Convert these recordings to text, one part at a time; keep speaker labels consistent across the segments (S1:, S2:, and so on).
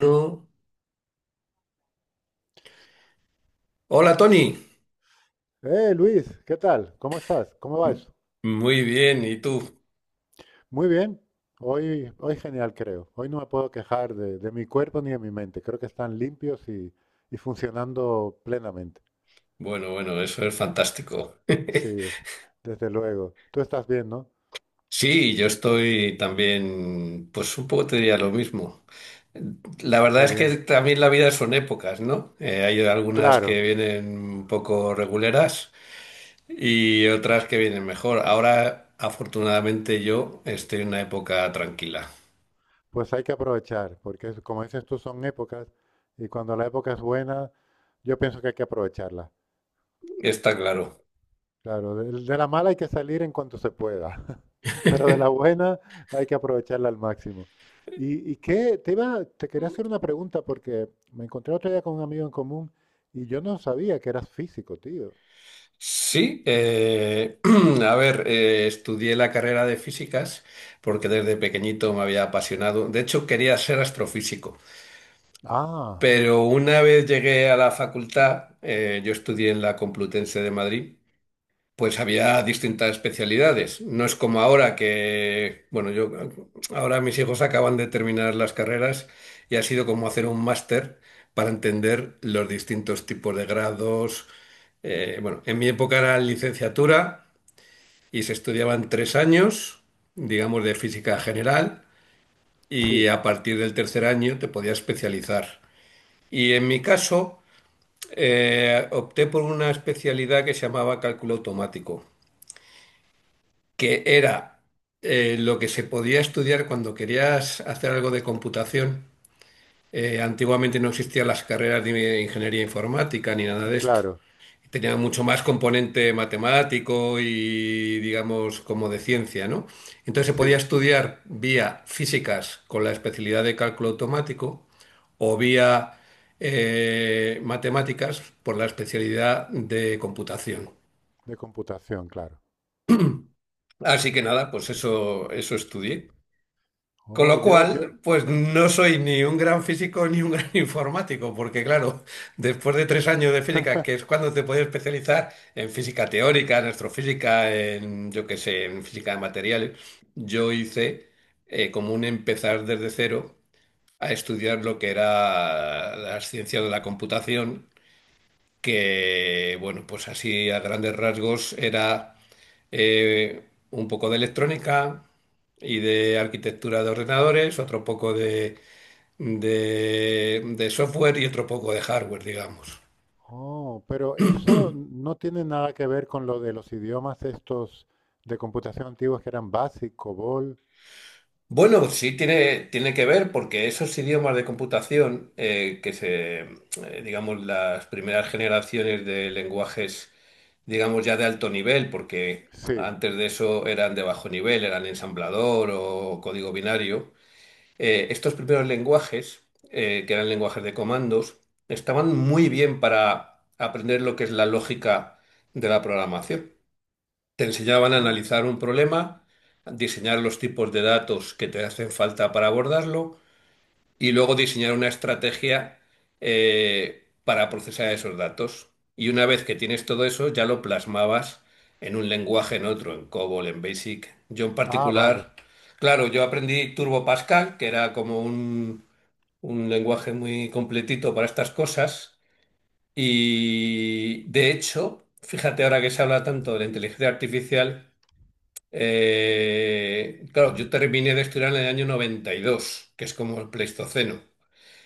S1: No. Hola Tony.
S2: Luis, ¿qué tal? ¿Cómo estás? ¿Cómo va
S1: M-
S2: eso?
S1: Muy bien, ¿y tú?
S2: Muy bien. Hoy genial, creo. Hoy no me puedo quejar de mi cuerpo ni de mi mente. Creo que están limpios y funcionando plenamente.
S1: Bueno, bueno, eso es fantástico.
S2: Sí, des- desde luego. Tú estás bien, ¿no?
S1: Sí, yo estoy también, pues un poco te diría lo mismo. La verdad
S2: Qué
S1: es que
S2: bien.
S1: también la vida son épocas, ¿no? Hay algunas
S2: Claro,
S1: que vienen un poco reguleras y otras que vienen mejor. Ahora, afortunadamente, yo estoy en una época tranquila.
S2: pues hay que aprovechar, porque como dices tú, son épocas y cuando la época es buena, yo pienso que hay que aprovecharla.
S1: Está claro.
S2: Claro, de la mala hay que salir en cuanto se pueda, pero de la buena hay que aprovecharla al máximo. Y qué, te quería hacer una pregunta porque me encontré otro día con un amigo en común y yo no sabía que eras físico, tío.
S1: Sí, a ver, estudié la carrera de físicas porque desde pequeñito me había apasionado. De hecho, quería ser astrofísico,
S2: Ah,
S1: pero una vez llegué a la facultad, yo estudié en la Complutense de Madrid, pues había distintas especialidades. No es como ahora que, bueno, yo ahora mis hijos acaban de terminar las carreras y ha sido como hacer un máster para entender los distintos tipos de grados. Bueno, en mi época era licenciatura y se estudiaban tres años, digamos, de física general y
S2: sí,
S1: a partir del tercer año te podías especializar. Y en mi caso, opté por una especialidad que se llamaba cálculo automático, que era lo que se podía estudiar cuando querías hacer algo de computación. Antiguamente no existían las carreras de ingeniería informática ni nada de esto.
S2: claro,
S1: Tenía mucho más componente matemático y, digamos, como de ciencia, ¿no? Entonces se podía
S2: sí,
S1: estudiar vía físicas con la especialidad de cálculo automático o vía matemáticas por la especialidad de computación.
S2: de computación, claro.
S1: Así que nada, pues eso estudié. Con
S2: Oh,
S1: lo
S2: yo, yo,
S1: cual, pues no soy ni un gran físico ni un gran informático, porque claro, después de tres años de física, que es cuando te puedes especializar en física teórica, en astrofísica, en yo qué sé, en física de materiales, yo hice como un empezar desde cero a estudiar lo que era las ciencias de la computación que, bueno, pues así a grandes rasgos era un poco de electrónica y de arquitectura de ordenadores, otro poco de, de software y otro poco de hardware, digamos.
S2: oh, pero eso no tiene nada que ver con lo de los idiomas estos de computación antiguos que eran BASIC, COBOL.
S1: Bueno, sí tiene que ver porque esos idiomas de computación digamos, las primeras generaciones de lenguajes, digamos, ya de alto nivel, porque
S2: Sí.
S1: antes de eso eran de bajo nivel, eran ensamblador o código binario, estos primeros lenguajes, que eran lenguajes de comandos, estaban muy bien para aprender lo que es la lógica de la programación. Te enseñaban a
S2: Ah,
S1: analizar un problema, a diseñar los tipos de datos que te hacen falta para abordarlo, y luego diseñar una estrategia para procesar esos datos. Y una vez que tienes todo eso, ya lo plasmabas en un lenguaje, en otro, en COBOL, en BASIC. Yo en
S2: ah, vale.
S1: particular, claro, yo aprendí Turbo Pascal, que era como un lenguaje muy completito para estas cosas. Y de hecho, fíjate ahora que se habla tanto de la inteligencia artificial, claro, yo terminé de estudiar en el año 92 que es como el Pleistoceno.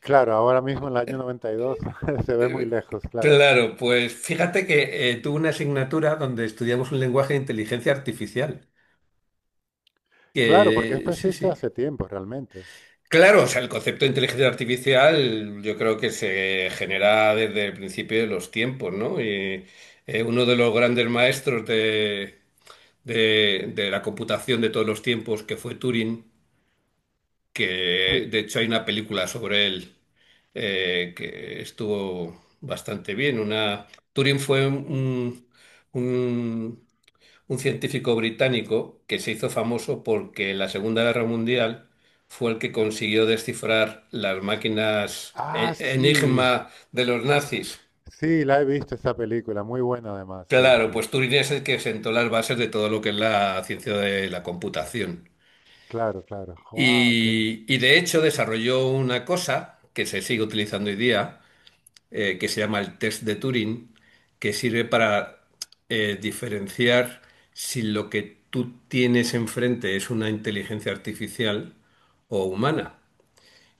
S2: Claro, ahora mismo en el año 92 se ve muy
S1: Eh,
S2: lejos, claro.
S1: Claro, pues fíjate que tuve una asignatura donde estudiamos un lenguaje de inteligencia artificial.
S2: Claro, porque
S1: Que
S2: esto
S1: sí,
S2: existe
S1: sí.
S2: hace tiempo realmente.
S1: Claro, o sea, el concepto de inteligencia artificial yo creo que se genera desde el principio de los tiempos, ¿no? Uno de los grandes maestros de, de la computación de todos los tiempos, que fue Turing, que
S2: Sí.
S1: de hecho hay una película sobre él que estuvo bastante bien. Una... Turing fue un, un científico británico que se hizo famoso porque en la Segunda Guerra Mundial fue el que consiguió descifrar las máquinas
S2: Ah, sí.
S1: enigma de los nazis.
S2: Sí, la he visto esa película, muy buena además, sí,
S1: Claro,
S2: sí.
S1: pues Turing es el que sentó las bases de todo lo que es la ciencia de la computación.
S2: Claro, claro. Wow, qué.
S1: Y de hecho desarrolló una cosa que se sigue utilizando hoy día, que se llama el test de Turing, que sirve para diferenciar si lo que tú tienes enfrente es una inteligencia artificial o humana.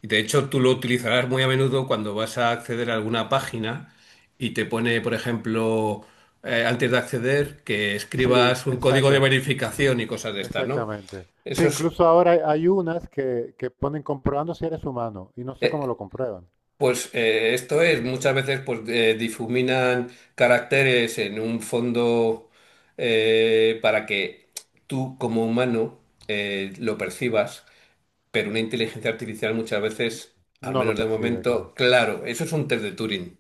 S1: Y de hecho tú lo utilizarás muy a menudo cuando vas a acceder a alguna página y te pone, por ejemplo, antes de acceder, que
S2: Sí,
S1: escribas un código de
S2: exacto,
S1: verificación y cosas de estas, ¿no?
S2: exactamente. Sí,
S1: Eso es...
S2: incluso ahora hay unas que ponen comprobando si eres humano y no sé
S1: eh,
S2: cómo lo comprueban.
S1: Esto es, muchas veces difuminan caracteres en un fondo para que tú como humano lo percibas, pero una inteligencia artificial muchas veces, al
S2: No lo
S1: menos de
S2: percibe, claro.
S1: momento, claro, eso es un test de Turing.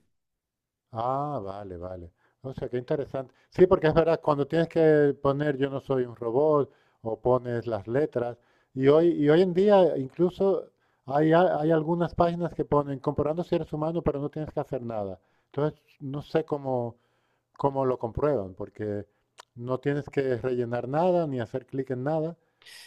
S2: Ah, vale, vale. O sea, qué interesante. Sí, porque es verdad, cuando tienes que poner yo no soy un robot o pones las letras, y hoy en día incluso hay algunas páginas que ponen comprobando si eres humano, pero no tienes que hacer nada. Entonces, no sé cómo lo comprueban, porque no tienes que rellenar nada ni hacer clic en nada,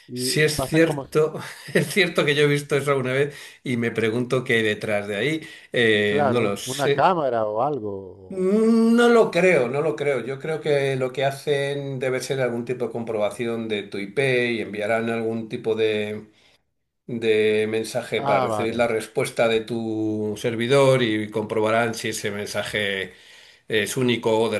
S2: y
S1: Si es
S2: pasan como,
S1: cierto, es cierto que yo he visto eso alguna vez y me pregunto qué hay detrás de ahí, no lo
S2: claro, una
S1: sé.
S2: cámara o algo. o-
S1: No lo creo, no lo creo. Yo creo que lo que hacen debe ser algún tipo de comprobación de tu IP y enviarán algún tipo de mensaje para
S2: Ah,
S1: recibir
S2: vale.
S1: la respuesta de tu servidor y comprobarán si ese mensaje es único o de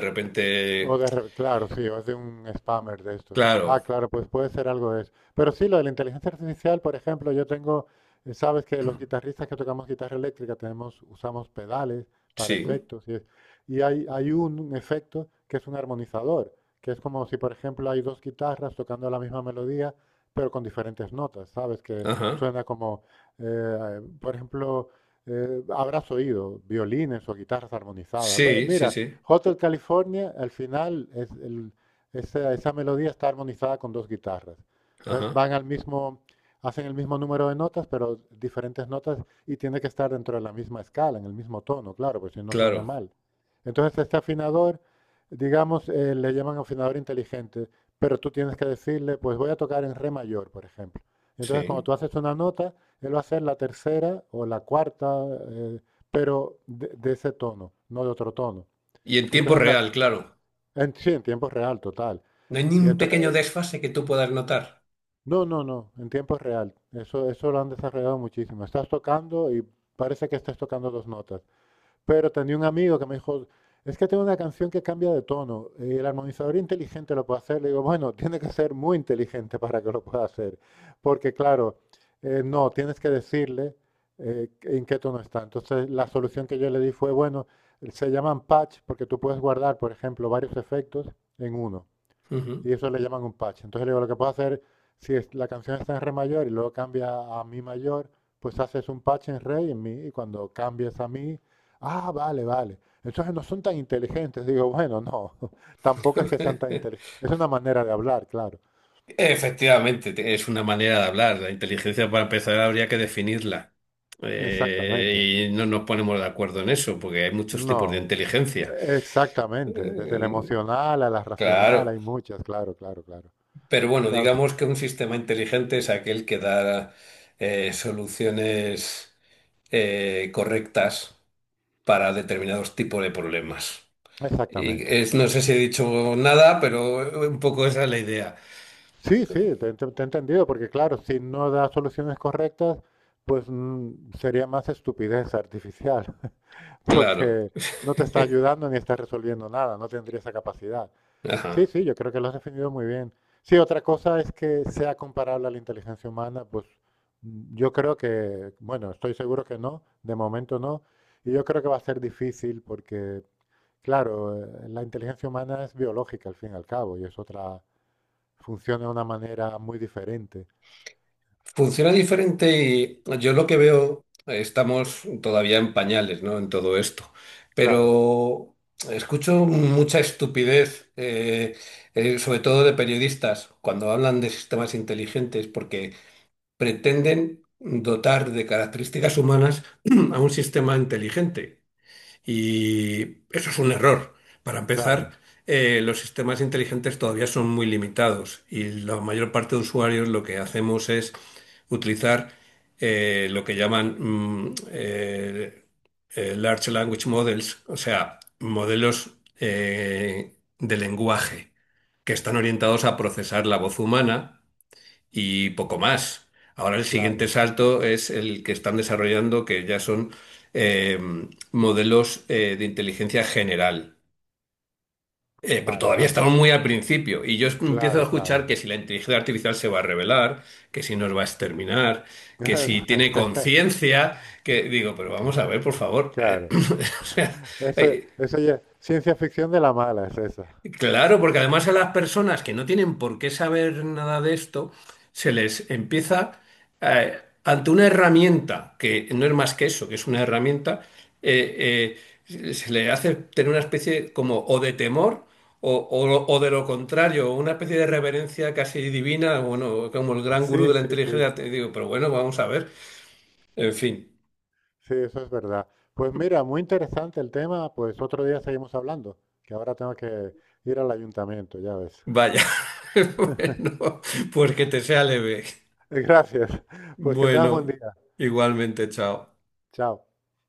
S1: repente...
S2: Claro, sí, o es de un spammer de estos.
S1: Claro,
S2: Ah, claro, pues puede ser algo de eso. Pero sí, lo de la inteligencia artificial, por ejemplo, sabes que los guitarristas que tocamos guitarra eléctrica usamos pedales para
S1: sí,
S2: efectos y hay un efecto que es un armonizador, que es como si, por ejemplo, hay dos guitarras tocando la misma melodía, pero con diferentes notas, ¿sabes? Que
S1: ajá.
S2: suena como, por ejemplo, habrás oído violines o guitarras armonizadas. Bue-
S1: Sí, sí,
S2: Mira.
S1: sí,
S2: Hotel California, al final, esa melodía está armonizada con dos guitarras. Entonces
S1: ajá.
S2: van al mismo, hacen el mismo número de notas, pero diferentes notas y tiene que estar dentro de la misma escala, en el mismo tono, claro, pues si no suena
S1: Claro,
S2: mal. Entonces este afinador, digamos, le llaman afinador inteligente, pero tú tienes que decirle, pues voy a tocar en re mayor, por ejemplo. Entonces cuando
S1: sí.
S2: tú haces una nota, él va a hacer la tercera o la cuarta, eh, pero de ese tono, no de otro tono.
S1: Y en
S2: Y
S1: tiempo
S2: entonces
S1: real, claro.
S2: sí, en tiempo real, total.
S1: No hay ni
S2: Y
S1: un pequeño
S2: entonces,
S1: desfase que tú puedas notar.
S2: no, no, no, en tiempo real. Eso lo han desarrollado muchísimo. Estás tocando y parece que estás tocando dos notas. Pero tenía un amigo que me dijo, es que tengo una canción que cambia de tono. El armonizador inteligente lo puede hacer. Le digo, bueno, tiene que ser muy inteligente para que lo pueda hacer. Porque claro, no, tienes que decirle en qué tono está. Entonces, la solución que yo le di fue, bueno, se llaman patch porque tú puedes guardar, por ejemplo, varios efectos en uno.
S1: Ujú.
S2: Y eso le llaman un patch. Entonces le digo, lo que puedo hacer, si es- la canción está en re mayor y luego cambia a mi mayor, pues haces un patch en re y en mi, y cuando cambies a mi, ah, vale, vale. Entonces no son tan inteligentes. Digo, bueno, no, tampoco es que sean tan inteligentes. Es una manera de hablar, claro.
S1: Efectivamente, es una manera de hablar. La inteligencia, para empezar, habría que definirla.
S2: Exactamente.
S1: Y no nos ponemos de acuerdo en eso, porque hay muchos tipos de
S2: No,
S1: inteligencia.
S2: exactamente. Desde la
S1: Eh,
S2: emocional a la racional
S1: claro,
S2: hay muchas, claro, claro, claro.
S1: pero bueno,
S2: Claro,
S1: digamos que un sistema inteligente es aquel que da soluciones correctas para determinados tipos de problemas. Y
S2: exactamente.
S1: no sé si he dicho nada, pero un poco esa es la idea.
S2: Sí, sí, te he entendido, porque claro, si no da soluciones correctas, pues sería más estupidez artificial,
S1: Claro.
S2: porque no te está ayudando ni está resolviendo nada, no tendría esa capacidad. Sí,
S1: Ajá.
S2: sí, yo creo que lo has definido muy bien. Sí, otra cosa es que sea comparable a la inteligencia humana, pues yo creo que, bueno, estoy seguro que no, de momento no, y yo creo que va a ser difícil porque, claro, la inteligencia humana es biológica al fin y al cabo, y es otra. Funciona de una manera muy diferente.
S1: Funciona diferente y yo lo que veo, estamos todavía en pañales, ¿no? En todo esto.
S2: Claro,
S1: Pero escucho mucha estupidez, sobre todo de periodistas, cuando hablan de sistemas inteligentes, porque pretenden dotar de características humanas a un sistema inteligente. Y eso es un error. Para
S2: claro,
S1: empezar, los sistemas inteligentes todavía son muy limitados y la mayor parte de usuarios lo que hacemos es utilizar lo que llaman Large Language Models, o sea, modelos de lenguaje que están orientados a procesar la voz humana y poco más. Ahora el siguiente
S2: claro.
S1: salto es el que están desarrollando, que ya son eh, modelos de inteligencia general. Pero
S2: Vale, o
S1: todavía
S2: sea, no.
S1: estamos muy al principio y yo empiezo a
S2: Claro, claro.
S1: escuchar que si la inteligencia artificial se va a revelar, que si nos va a exterminar, que si tiene conciencia, que digo, pero vamos a ver, por favor.
S2: Claro.
S1: O sea,
S2: Eso,
S1: eh,
S2: eso ya es ciencia ficción de la mala, es esa.
S1: Claro, porque además a las personas que no tienen por qué saber nada de esto, se les empieza, ante una herramienta, que no es más que eso, que es una herramienta, eh, se le hace tener una especie como o de temor o, o de lo contrario, una especie de reverencia casi divina, bueno, como el gran gurú
S2: Sí,
S1: de la
S2: sí, sí.
S1: inteligencia, te digo, pero bueno, vamos a ver, en fin,
S2: Sí, eso es verdad. Pues mira, muy interesante el tema. Pues otro día seguimos hablando, que ahora tengo que ir al ayuntamiento, ya ves.
S1: vaya, bueno, pues que te sea leve.
S2: Gracias. Pues que tengas buen
S1: Bueno,
S2: día.
S1: igualmente, chao.
S2: Chao.